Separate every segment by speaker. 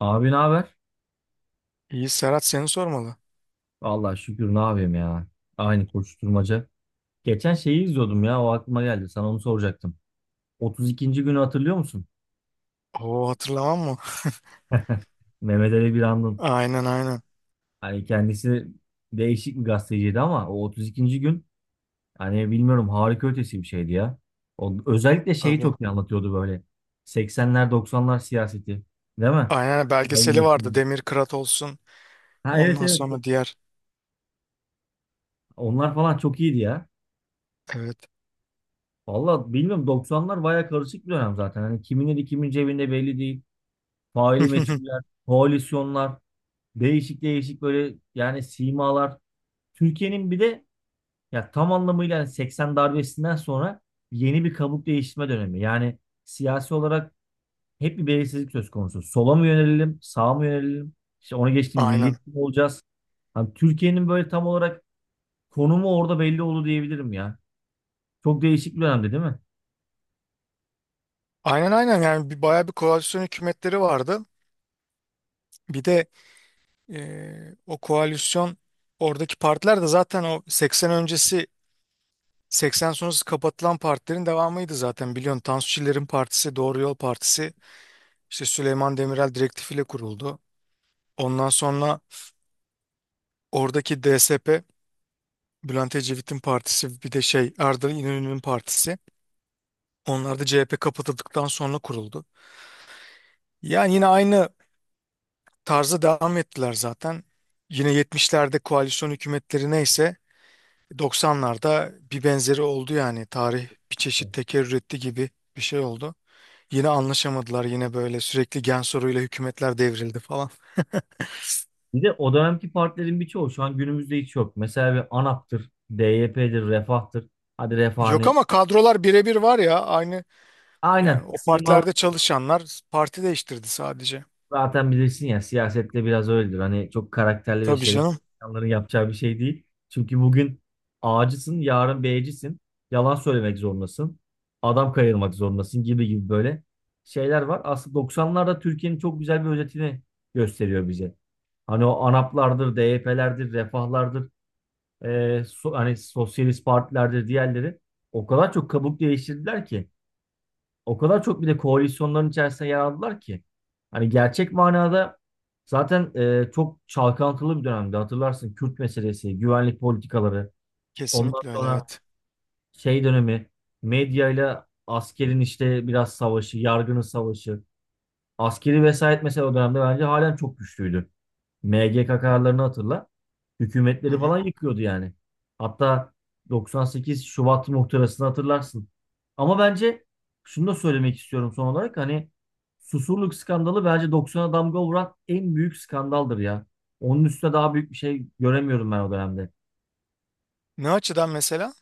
Speaker 1: Abi ne haber?
Speaker 2: İyi Serhat seni sormalı.
Speaker 1: Vallahi şükür ne yapayım ya. Aynı koşturmaca. Geçen şeyi izliyordum ya o aklıma geldi. Sana onu soracaktım. 32. günü hatırlıyor musun?
Speaker 2: Oo hatırlamam mı?
Speaker 1: Mehmet Ali Birand'ın.
Speaker 2: Aynen aynen.
Speaker 1: Hani kendisi değişik bir gazeteciydi ama o 32. gün hani bilmiyorum harika ötesi bir şeydi ya. O, özellikle şeyi
Speaker 2: Tabii.
Speaker 1: çok iyi anlatıyordu böyle. 80'ler 90'lar siyaseti. Değil mi?
Speaker 2: Aynen
Speaker 1: Hayır,
Speaker 2: belgeseli vardı.
Speaker 1: Metin.
Speaker 2: Demir Kırat olsun.
Speaker 1: Ha evet
Speaker 2: Ondan
Speaker 1: evet.
Speaker 2: sonra diğer.
Speaker 1: Onlar falan çok iyiydi ya.
Speaker 2: Evet.
Speaker 1: Valla bilmiyorum 90'lar baya karışık bir dönem zaten. Hani kimin eli kimin cebinde belli değil. Faili meçhuller, koalisyonlar, değişik değişik böyle yani simalar. Türkiye'nin bir de ya tam anlamıyla yani 80 darbesinden sonra yeni bir kabuk değiştirme dönemi. Yani siyasi olarak hep bir belirsizlik söz konusu. Sola mı yönelelim, sağa mı yönelelim? İşte onu geçtim
Speaker 2: Aynen.
Speaker 1: milliyetçi mi olacağız? Hani Türkiye'nin böyle tam olarak konumu orada belli oldu diyebilirim ya. Çok değişik bir dönemdi değil mi?
Speaker 2: Aynen aynen yani bir, bayağı bir koalisyon hükümetleri vardı. Bir de e, o koalisyon oradaki partiler de zaten o 80 öncesi 80 sonrası kapatılan partilerin devamıydı zaten biliyorsun. Tansu Çiller'in partisi Doğru Yol Partisi işte Süleyman Demirel direktifiyle kuruldu. Ondan sonra oradaki DSP Bülent Ecevit'in partisi bir de şey Arda İnönü'nün partisi. Onlar da CHP kapatıldıktan sonra kuruldu. Yani yine aynı tarza devam ettiler zaten. Yine 70'lerde koalisyon hükümetleri neyse 90'larda bir benzeri oldu yani. Tarih bir çeşit tekerrür etti gibi bir şey oldu. Yine anlaşamadılar, yine böyle sürekli gen soruyla hükümetler devrildi falan.
Speaker 1: Bir de o dönemki partilerin birçoğu şu an günümüzde hiç yok. Mesela bir ANAP'tır, DYP'dir, Refah'tır. Hadi Refah
Speaker 2: Yok
Speaker 1: hani
Speaker 2: ama kadrolar birebir var ya, aynı yani,
Speaker 1: aynen
Speaker 2: o
Speaker 1: simalar
Speaker 2: partilerde çalışanlar parti değiştirdi sadece.
Speaker 1: zaten bilirsin ya siyasette biraz öyledir. Hani çok karakterli ve
Speaker 2: Tabii
Speaker 1: şerefli
Speaker 2: canım.
Speaker 1: insanların yapacağı bir şey değil. Çünkü bugün A'cısın, yarın B'cisin. Yalan söylemek zorundasın. Adam kayırmak zorundasın gibi gibi böyle şeyler var. Aslında 90'larda Türkiye'nin çok güzel bir özetini gösteriyor bize. Hani o ANAP'lardır, DYP'lerdir, Refah'lardır. Hani sosyalist partilerde diğerleri o kadar çok kabuk değiştirdiler ki o kadar çok bir de koalisyonların içerisinde yer aldılar ki hani gerçek manada zaten çok çalkantılı bir dönemdi hatırlarsın. Kürt meselesi, güvenlik politikaları, ondan
Speaker 2: Kesinlikle öyle,
Speaker 1: sonra
Speaker 2: evet.
Speaker 1: şey dönemi, medyayla askerin işte biraz savaşı, yargının savaşı, askeri vesayet, mesela o dönemde bence halen çok güçlüydü. MGK kararlarını hatırla.
Speaker 2: Hı
Speaker 1: Hükümetleri
Speaker 2: hı.
Speaker 1: falan yıkıyordu yani. Hatta 98 Şubat muhtırasını hatırlarsın. Ama bence şunu da söylemek istiyorum son olarak. Hani Susurluk skandalı bence 90'a damga vuran en büyük skandaldır ya. Onun üstüne daha büyük bir şey göremiyorum ben o dönemde.
Speaker 2: Ne açıdan mesela?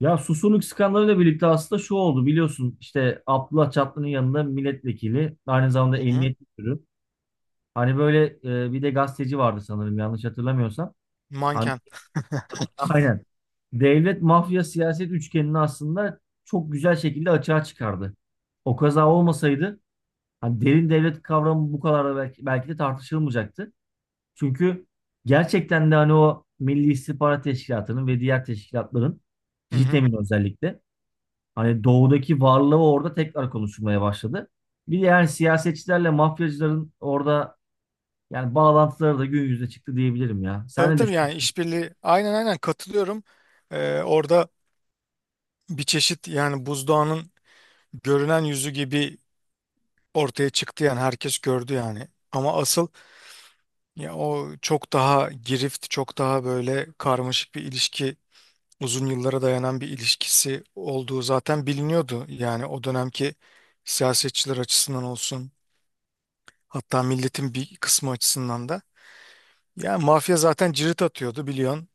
Speaker 1: Ya Susurluk skandalıyla birlikte aslında şu oldu, biliyorsun işte Abdullah Çatlı'nın yanında milletvekili, aynı zamanda
Speaker 2: Hı hı.
Speaker 1: emniyet müdürü. Hani böyle bir de gazeteci vardı sanırım yanlış hatırlamıyorsam. Hani
Speaker 2: Manken.
Speaker 1: aynen. Devlet, mafya, siyaset üçgenini aslında çok güzel şekilde açığa çıkardı. O kaza olmasaydı hani derin devlet kavramı bu kadar da belki de tartışılmayacaktı. Çünkü gerçekten de hani o Milli İstihbarat Teşkilatı'nın ve diğer teşkilatların,
Speaker 2: Hı hı.
Speaker 1: JITEM'in özellikle hani doğudaki varlığı orada tekrar konuşulmaya başladı. Bir de yani siyasetçilerle mafyacıların orada yani bağlantıları da gün yüzüne çıktı diyebilirim ya. Sen
Speaker 2: Tabii
Speaker 1: ne
Speaker 2: tabii yani
Speaker 1: düşünüyorsun?
Speaker 2: işbirliği, aynen aynen katılıyorum. Orada bir çeşit yani buzdağının görünen yüzü gibi ortaya çıktı yani, herkes gördü yani. Ama asıl ya o çok daha girift, çok daha böyle karmaşık bir ilişki, uzun yıllara dayanan bir ilişkisi olduğu zaten biliniyordu. Yani o dönemki siyasetçiler açısından olsun, hatta milletin bir kısmı açısından da. Yani mafya zaten cirit atıyordu biliyorsun.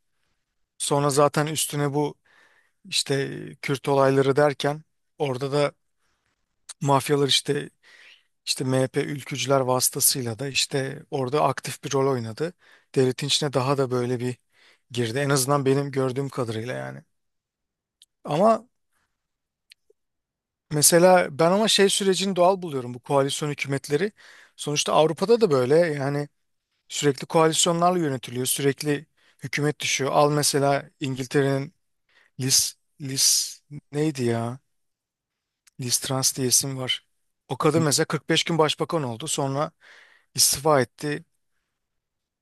Speaker 2: Sonra zaten üstüne bu Kürt olayları derken orada da mafyalar işte MHP ülkücüler vasıtasıyla da işte orada aktif bir rol oynadı. Devletin içine daha da böyle bir girdi. En azından benim gördüğüm kadarıyla yani. Ama mesela ben ama şey sürecini doğal buluyorum, bu koalisyon hükümetleri. Sonuçta Avrupa'da da böyle yani, sürekli koalisyonlarla yönetiliyor. Sürekli hükümet düşüyor. Al mesela İngiltere'nin Liz, Liz neydi ya? Liz Trans diye isim var. O kadın mesela 45 gün başbakan oldu. Sonra istifa etti.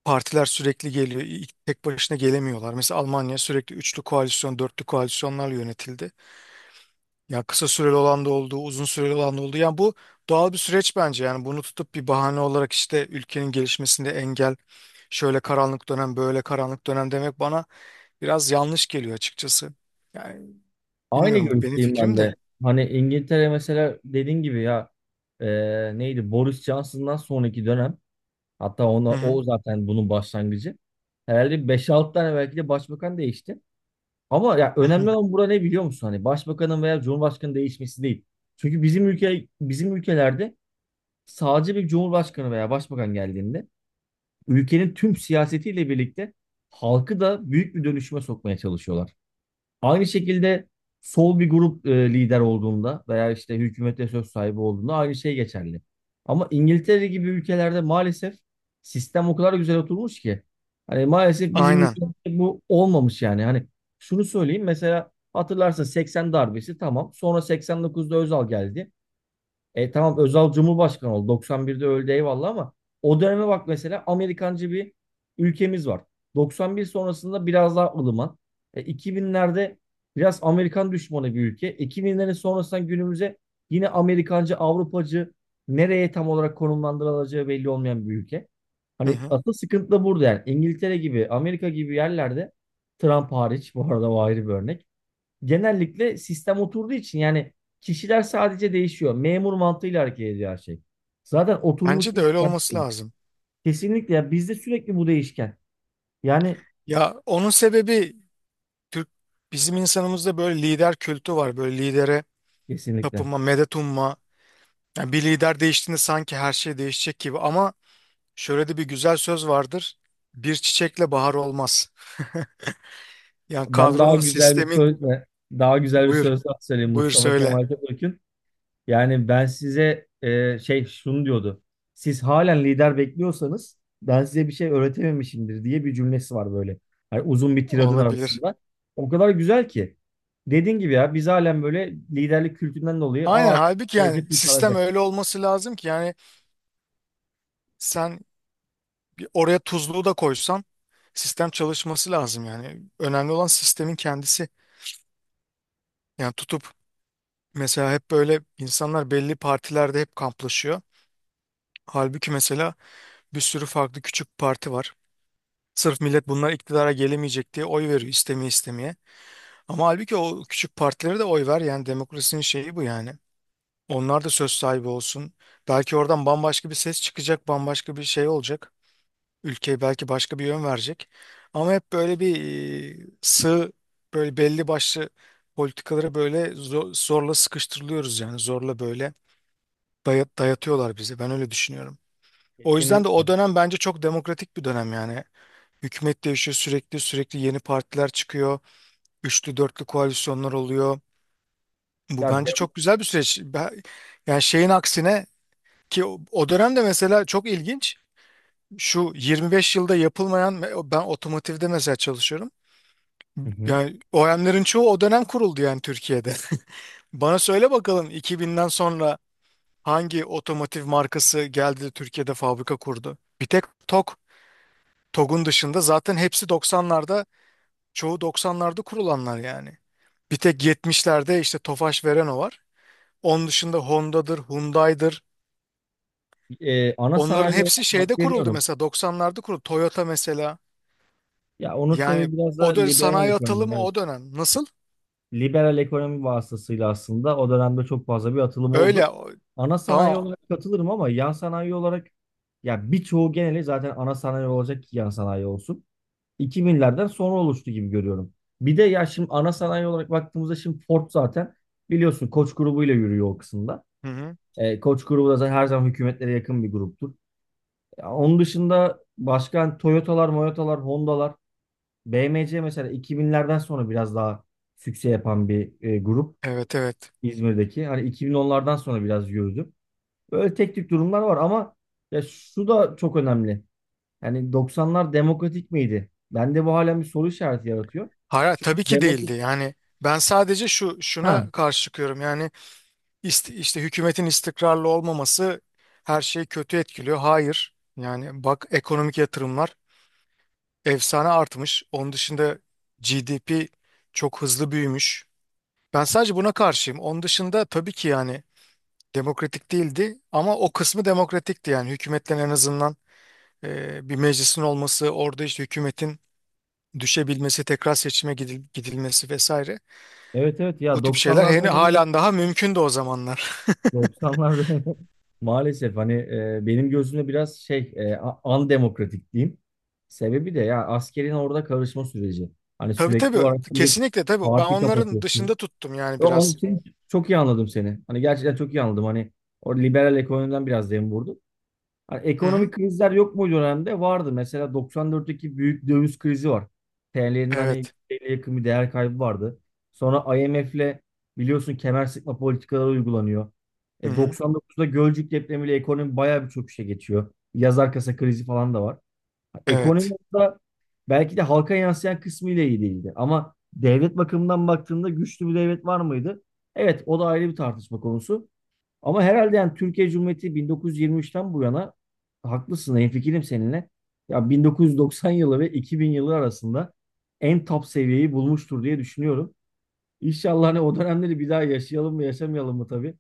Speaker 2: Partiler sürekli geliyor. İlk- Tek başına gelemiyorlar. Mesela Almanya sürekli üçlü koalisyon, dörtlü koalisyonlarla yönetildi. Ya kısa süreli olan da oldu, uzun süreli olan da oldu. Yani bu doğal bir süreç bence. Yani bunu tutup bir bahane olarak işte ülkenin gelişmesinde engel, şöyle karanlık dönem, böyle karanlık dönem demek bana biraz yanlış geliyor, açıkçası. Yani
Speaker 1: Aynı
Speaker 2: bilmiyorum, bu benim
Speaker 1: görüşteyim ben
Speaker 2: fikrim de.
Speaker 1: de. Hani İngiltere mesela dediğin gibi ya, e, neydi, Boris Johnson'dan sonraki dönem, hatta
Speaker 2: Hı
Speaker 1: ona,
Speaker 2: hı.
Speaker 1: o zaten bunun başlangıcı. Herhalde beş 6 tane belki de başbakan değişti. Ama ya önemli olan burada ne biliyor musun? Hani başbakanın veya cumhurbaşkanının değişmesi değil. Çünkü bizim ülkelerde sadece bir cumhurbaşkanı veya başbakan geldiğinde ülkenin tüm siyasetiyle birlikte halkı da büyük bir dönüşüme sokmaya çalışıyorlar. Aynı şekilde sol bir grup lider olduğunda veya işte hükümete söz sahibi olduğunda aynı şey geçerli. Ama İngiltere gibi ülkelerde maalesef sistem o kadar güzel oturmuş ki. Hani maalesef bizim
Speaker 2: Aynen.
Speaker 1: ülkemizde bu olmamış yani. Hani şunu söyleyeyim, mesela hatırlarsın 80 darbesi tamam. Sonra 89'da Özal geldi. E tamam, Özal Cumhurbaşkanı oldu. 91'de öldü eyvallah, ama o döneme bak, mesela Amerikancı bir ülkemiz var. 91 sonrasında biraz daha ılıman. E, 2000'lerde biraz Amerikan düşmanı bir ülke. 2000'lerin sonrasından günümüze yine Amerikancı, Avrupacı, nereye tam olarak konumlandırılacağı belli olmayan bir ülke.
Speaker 2: Hı
Speaker 1: Hani
Speaker 2: hı.
Speaker 1: asıl sıkıntı da burada yani. İngiltere gibi, Amerika gibi yerlerde, Trump hariç bu arada, o ayrı bir örnek, genellikle sistem oturduğu için yani kişiler sadece değişiyor. Memur mantığıyla hareket ediyor her şey. Zaten oturmuş
Speaker 2: Bence
Speaker 1: bir
Speaker 2: de öyle
Speaker 1: sistem
Speaker 2: olması
Speaker 1: var.
Speaker 2: lazım.
Speaker 1: Kesinlikle ya, bizde sürekli bu değişken. Yani
Speaker 2: Ya onun sebebi Türk bizim insanımızda böyle lider kültü var. Böyle lidere
Speaker 1: kesinlikle.
Speaker 2: tapınma, medet umma. Yani bir lider değiştiğinde sanki her şey değişecek gibi, ama şöyle de bir güzel söz vardır. Bir çiçekle bahar olmaz. Yani
Speaker 1: Ben
Speaker 2: kadronun, sistemin
Speaker 1: daha güzel bir
Speaker 2: buyur.
Speaker 1: söz daha söyleyeyim,
Speaker 2: Buyur
Speaker 1: Mustafa
Speaker 2: söyle.
Speaker 1: Kemal Atatürk'ün. Yani ben size şunu diyordu: siz halen lider bekliyorsanız ben size bir şey öğretememişimdir diye bir cümlesi var böyle. Yani uzun bir tiradın
Speaker 2: Olabilir.
Speaker 1: arasında. O kadar güzel ki. Dediğin gibi ya, biz halen böyle liderlik kültüründen dolayı
Speaker 2: Aynen, halbuki yani
Speaker 1: gelecek
Speaker 2: sistem
Speaker 1: kurtaracak.
Speaker 2: öyle olması lazım ki yani sen oraya tuzluğu da koysan sistem çalışması lazım yani. Önemli olan sistemin kendisi. Yani tutup mesela hep böyle insanlar belli partilerde hep kamplaşıyor. Halbuki mesela bir sürü farklı küçük parti var. Sırf millet bunlar iktidara gelemeyecek diye oy veriyor, istemeye istemeye. Ama halbuki o küçük partilere de oy ver yani, demokrasinin şeyi bu yani. Onlar da söz sahibi olsun. Belki oradan bambaşka bir ses çıkacak, bambaşka bir şey olacak. Ülkeye belki başka bir yön verecek. Ama hep böyle bir sığ, böyle belli başlı politikalara böyle zorla sıkıştırılıyoruz yani, zorla böyle dayatıyorlar bizi. Ben öyle düşünüyorum. O yüzden de
Speaker 1: Kesinlikle.
Speaker 2: o dönem bence çok demokratik bir dönem yani. Hükümet değişiyor sürekli, sürekli yeni partiler çıkıyor. Üçlü dörtlü koalisyonlar oluyor. Bu
Speaker 1: Ya
Speaker 2: bence
Speaker 1: de-
Speaker 2: çok güzel bir süreç. Ben- Yani şeyin aksine, ki o o dönemde mesela çok ilginç. Şu 25 yılda yapılmayan, ben otomotivde mesela çalışıyorum.
Speaker 1: Hı hı.
Speaker 2: Yani o OEM'lerin çoğu o dönem kuruldu yani Türkiye'de. Bana söyle bakalım, 2000'den sonra hangi otomotiv markası geldi de Türkiye'de fabrika kurdu? Bir tek TOG. TOG'un dışında zaten hepsi 90'larda, çoğu 90'larda kurulanlar yani. Bir tek 70'lerde işte Tofaş Vereno var. Onun dışında Honda'dır, Hyundai'dir.
Speaker 1: E, ana
Speaker 2: Onların
Speaker 1: sanayi olarak
Speaker 2: hepsi şeyde
Speaker 1: hak
Speaker 2: kuruldu,
Speaker 1: veriyorum.
Speaker 2: mesela 90'larda kuruldu. Toyota mesela.
Speaker 1: Ya onun
Speaker 2: Yani
Speaker 1: sebebi biraz da
Speaker 2: o dönem
Speaker 1: liberal
Speaker 2: sanayi
Speaker 1: ekonomi.
Speaker 2: atılımı,
Speaker 1: Evet.
Speaker 2: o dönem. Nasıl?
Speaker 1: Liberal ekonomi vasıtasıyla aslında o dönemde çok fazla bir atılım oldu.
Speaker 2: Öyle. O-
Speaker 1: Ana sanayi
Speaker 2: Tamam.
Speaker 1: olarak katılırım ama yan sanayi olarak, ya birçoğu, geneli zaten ana sanayi olacak ki yan sanayi olsun. 2000'lerden sonra oluştu gibi görüyorum. Bir de ya şimdi ana sanayi olarak baktığımızda, şimdi Ford zaten biliyorsun Koç grubuyla yürüyor o kısımda.
Speaker 2: Hı hı.
Speaker 1: E, Koç grubu da zaten her zaman hükümetlere yakın bir gruptur. Ya onun dışında başka hani Toyota'lar, Moyota'lar, Honda'lar, B M C, mesela 2000'lerden sonra biraz daha sükse yapan bir grup.
Speaker 2: Evet evet.
Speaker 1: İzmir'deki. Hani 2010'lardan sonra biraz yürüdü. Böyle tek tük durumlar var, ama ya şu da çok önemli. Yani 90'lar demokratik miydi? Bende bu halen bir soru işareti yaratıyor.
Speaker 2: Hayır,
Speaker 1: Çünkü
Speaker 2: tabii ki değildi.
Speaker 1: demokratik...
Speaker 2: Yani ben sadece şu
Speaker 1: Ha,
Speaker 2: şuna karşı çıkıyorum. Yani işte hükümetin istikrarlı olmaması her şeyi kötü etkiliyor. Hayır. Yani bak, ekonomik yatırımlar efsane artmış. Onun dışında GDP çok hızlı büyümüş. Ben sadece buna karşıyım. Onun dışında tabii ki yani demokratik değildi, ama o kısmı demokratikti yani, hükümetten en azından bir meclisin olması, orada işte hükümetin düşebilmesi, tekrar seçime gidilmesi vesaire.
Speaker 1: evet evet,
Speaker 2: Bu
Speaker 1: ya
Speaker 2: tip şeyler
Speaker 1: 90'lar
Speaker 2: hani
Speaker 1: dönemi,
Speaker 2: halen daha mümkündü o zamanlar.
Speaker 1: 90'lar dönemi maalesef hani benim gözümde biraz andemokratik diyeyim. Sebebi de ya askerin orada karışma süreci. Hani
Speaker 2: Tabii
Speaker 1: sürekli
Speaker 2: tabii,
Speaker 1: olarak bir
Speaker 2: kesinlikle tabii, ben
Speaker 1: parti
Speaker 2: onların
Speaker 1: kapatıyorsun.
Speaker 2: dışında tuttum yani
Speaker 1: Ve onun
Speaker 2: biraz.
Speaker 1: için çok iyi anladım seni. Hani gerçekten çok iyi anladım. Hani o liberal ekonomiden biraz dem vurdum. Hani
Speaker 2: Hı hı.
Speaker 1: ekonomik krizler yok mu dönemde? Vardı. Mesela 94'teki büyük döviz krizi var. TL'nin hani
Speaker 2: Evet.
Speaker 1: TL'ye yakın bir değer kaybı vardı. Sonra IMF'le biliyorsun kemer sıkma politikaları uygulanıyor.
Speaker 2: Hı
Speaker 1: E
Speaker 2: hı.
Speaker 1: 99'da Gölcük depremiyle ekonomi bayağı bir çöküşe geçiyor. Yaz arkası krizi falan da var, ekonomi
Speaker 2: Evet.
Speaker 1: orada belki de halka yansıyan kısmıyla iyi değildi. Ama devlet bakımından baktığında güçlü bir devlet var mıydı? Evet, o da ayrı bir tartışma konusu. Ama herhalde yani Türkiye Cumhuriyeti 1923'ten bu yana, haklısın, hemfikirim seninle, ya 1990 yılı ve 2000 yılı arasında en top seviyeyi bulmuştur diye düşünüyorum. İnşallah hani o dönemleri bir daha yaşayalım mı yaşamayalım mı tabii.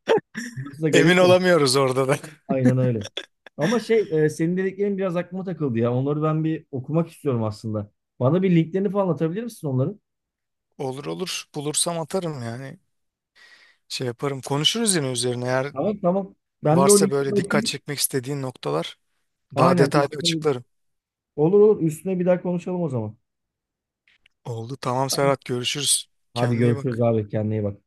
Speaker 1: Burası da
Speaker 2: Emin
Speaker 1: garip de.
Speaker 2: olamıyoruz orada da.
Speaker 1: Aynen öyle. Ama senin dediklerin biraz aklıma takıldı ya. Onları ben bir okumak istiyorum aslında. Bana bir linklerini falan atabilir misin onların?
Speaker 2: Olur olur, bulursam atarım yani, şey yaparım, konuşuruz yine üzerine eğer
Speaker 1: Tamam tamam. Ben bir o
Speaker 2: varsa
Speaker 1: linkleri
Speaker 2: böyle dikkat
Speaker 1: okuyayım.
Speaker 2: çekmek istediğin noktalar, daha
Speaker 1: Aynen.
Speaker 2: detaylı
Speaker 1: Üstüne,
Speaker 2: açıklarım.
Speaker 1: olur olur. Üstüne bir daha konuşalım o zaman.
Speaker 2: Oldu, tamam
Speaker 1: Tamam.
Speaker 2: Serhat, görüşürüz.
Speaker 1: Hadi
Speaker 2: Kendine iyi
Speaker 1: görüşürüz
Speaker 2: bak.
Speaker 1: abi. Kendine iyi bak.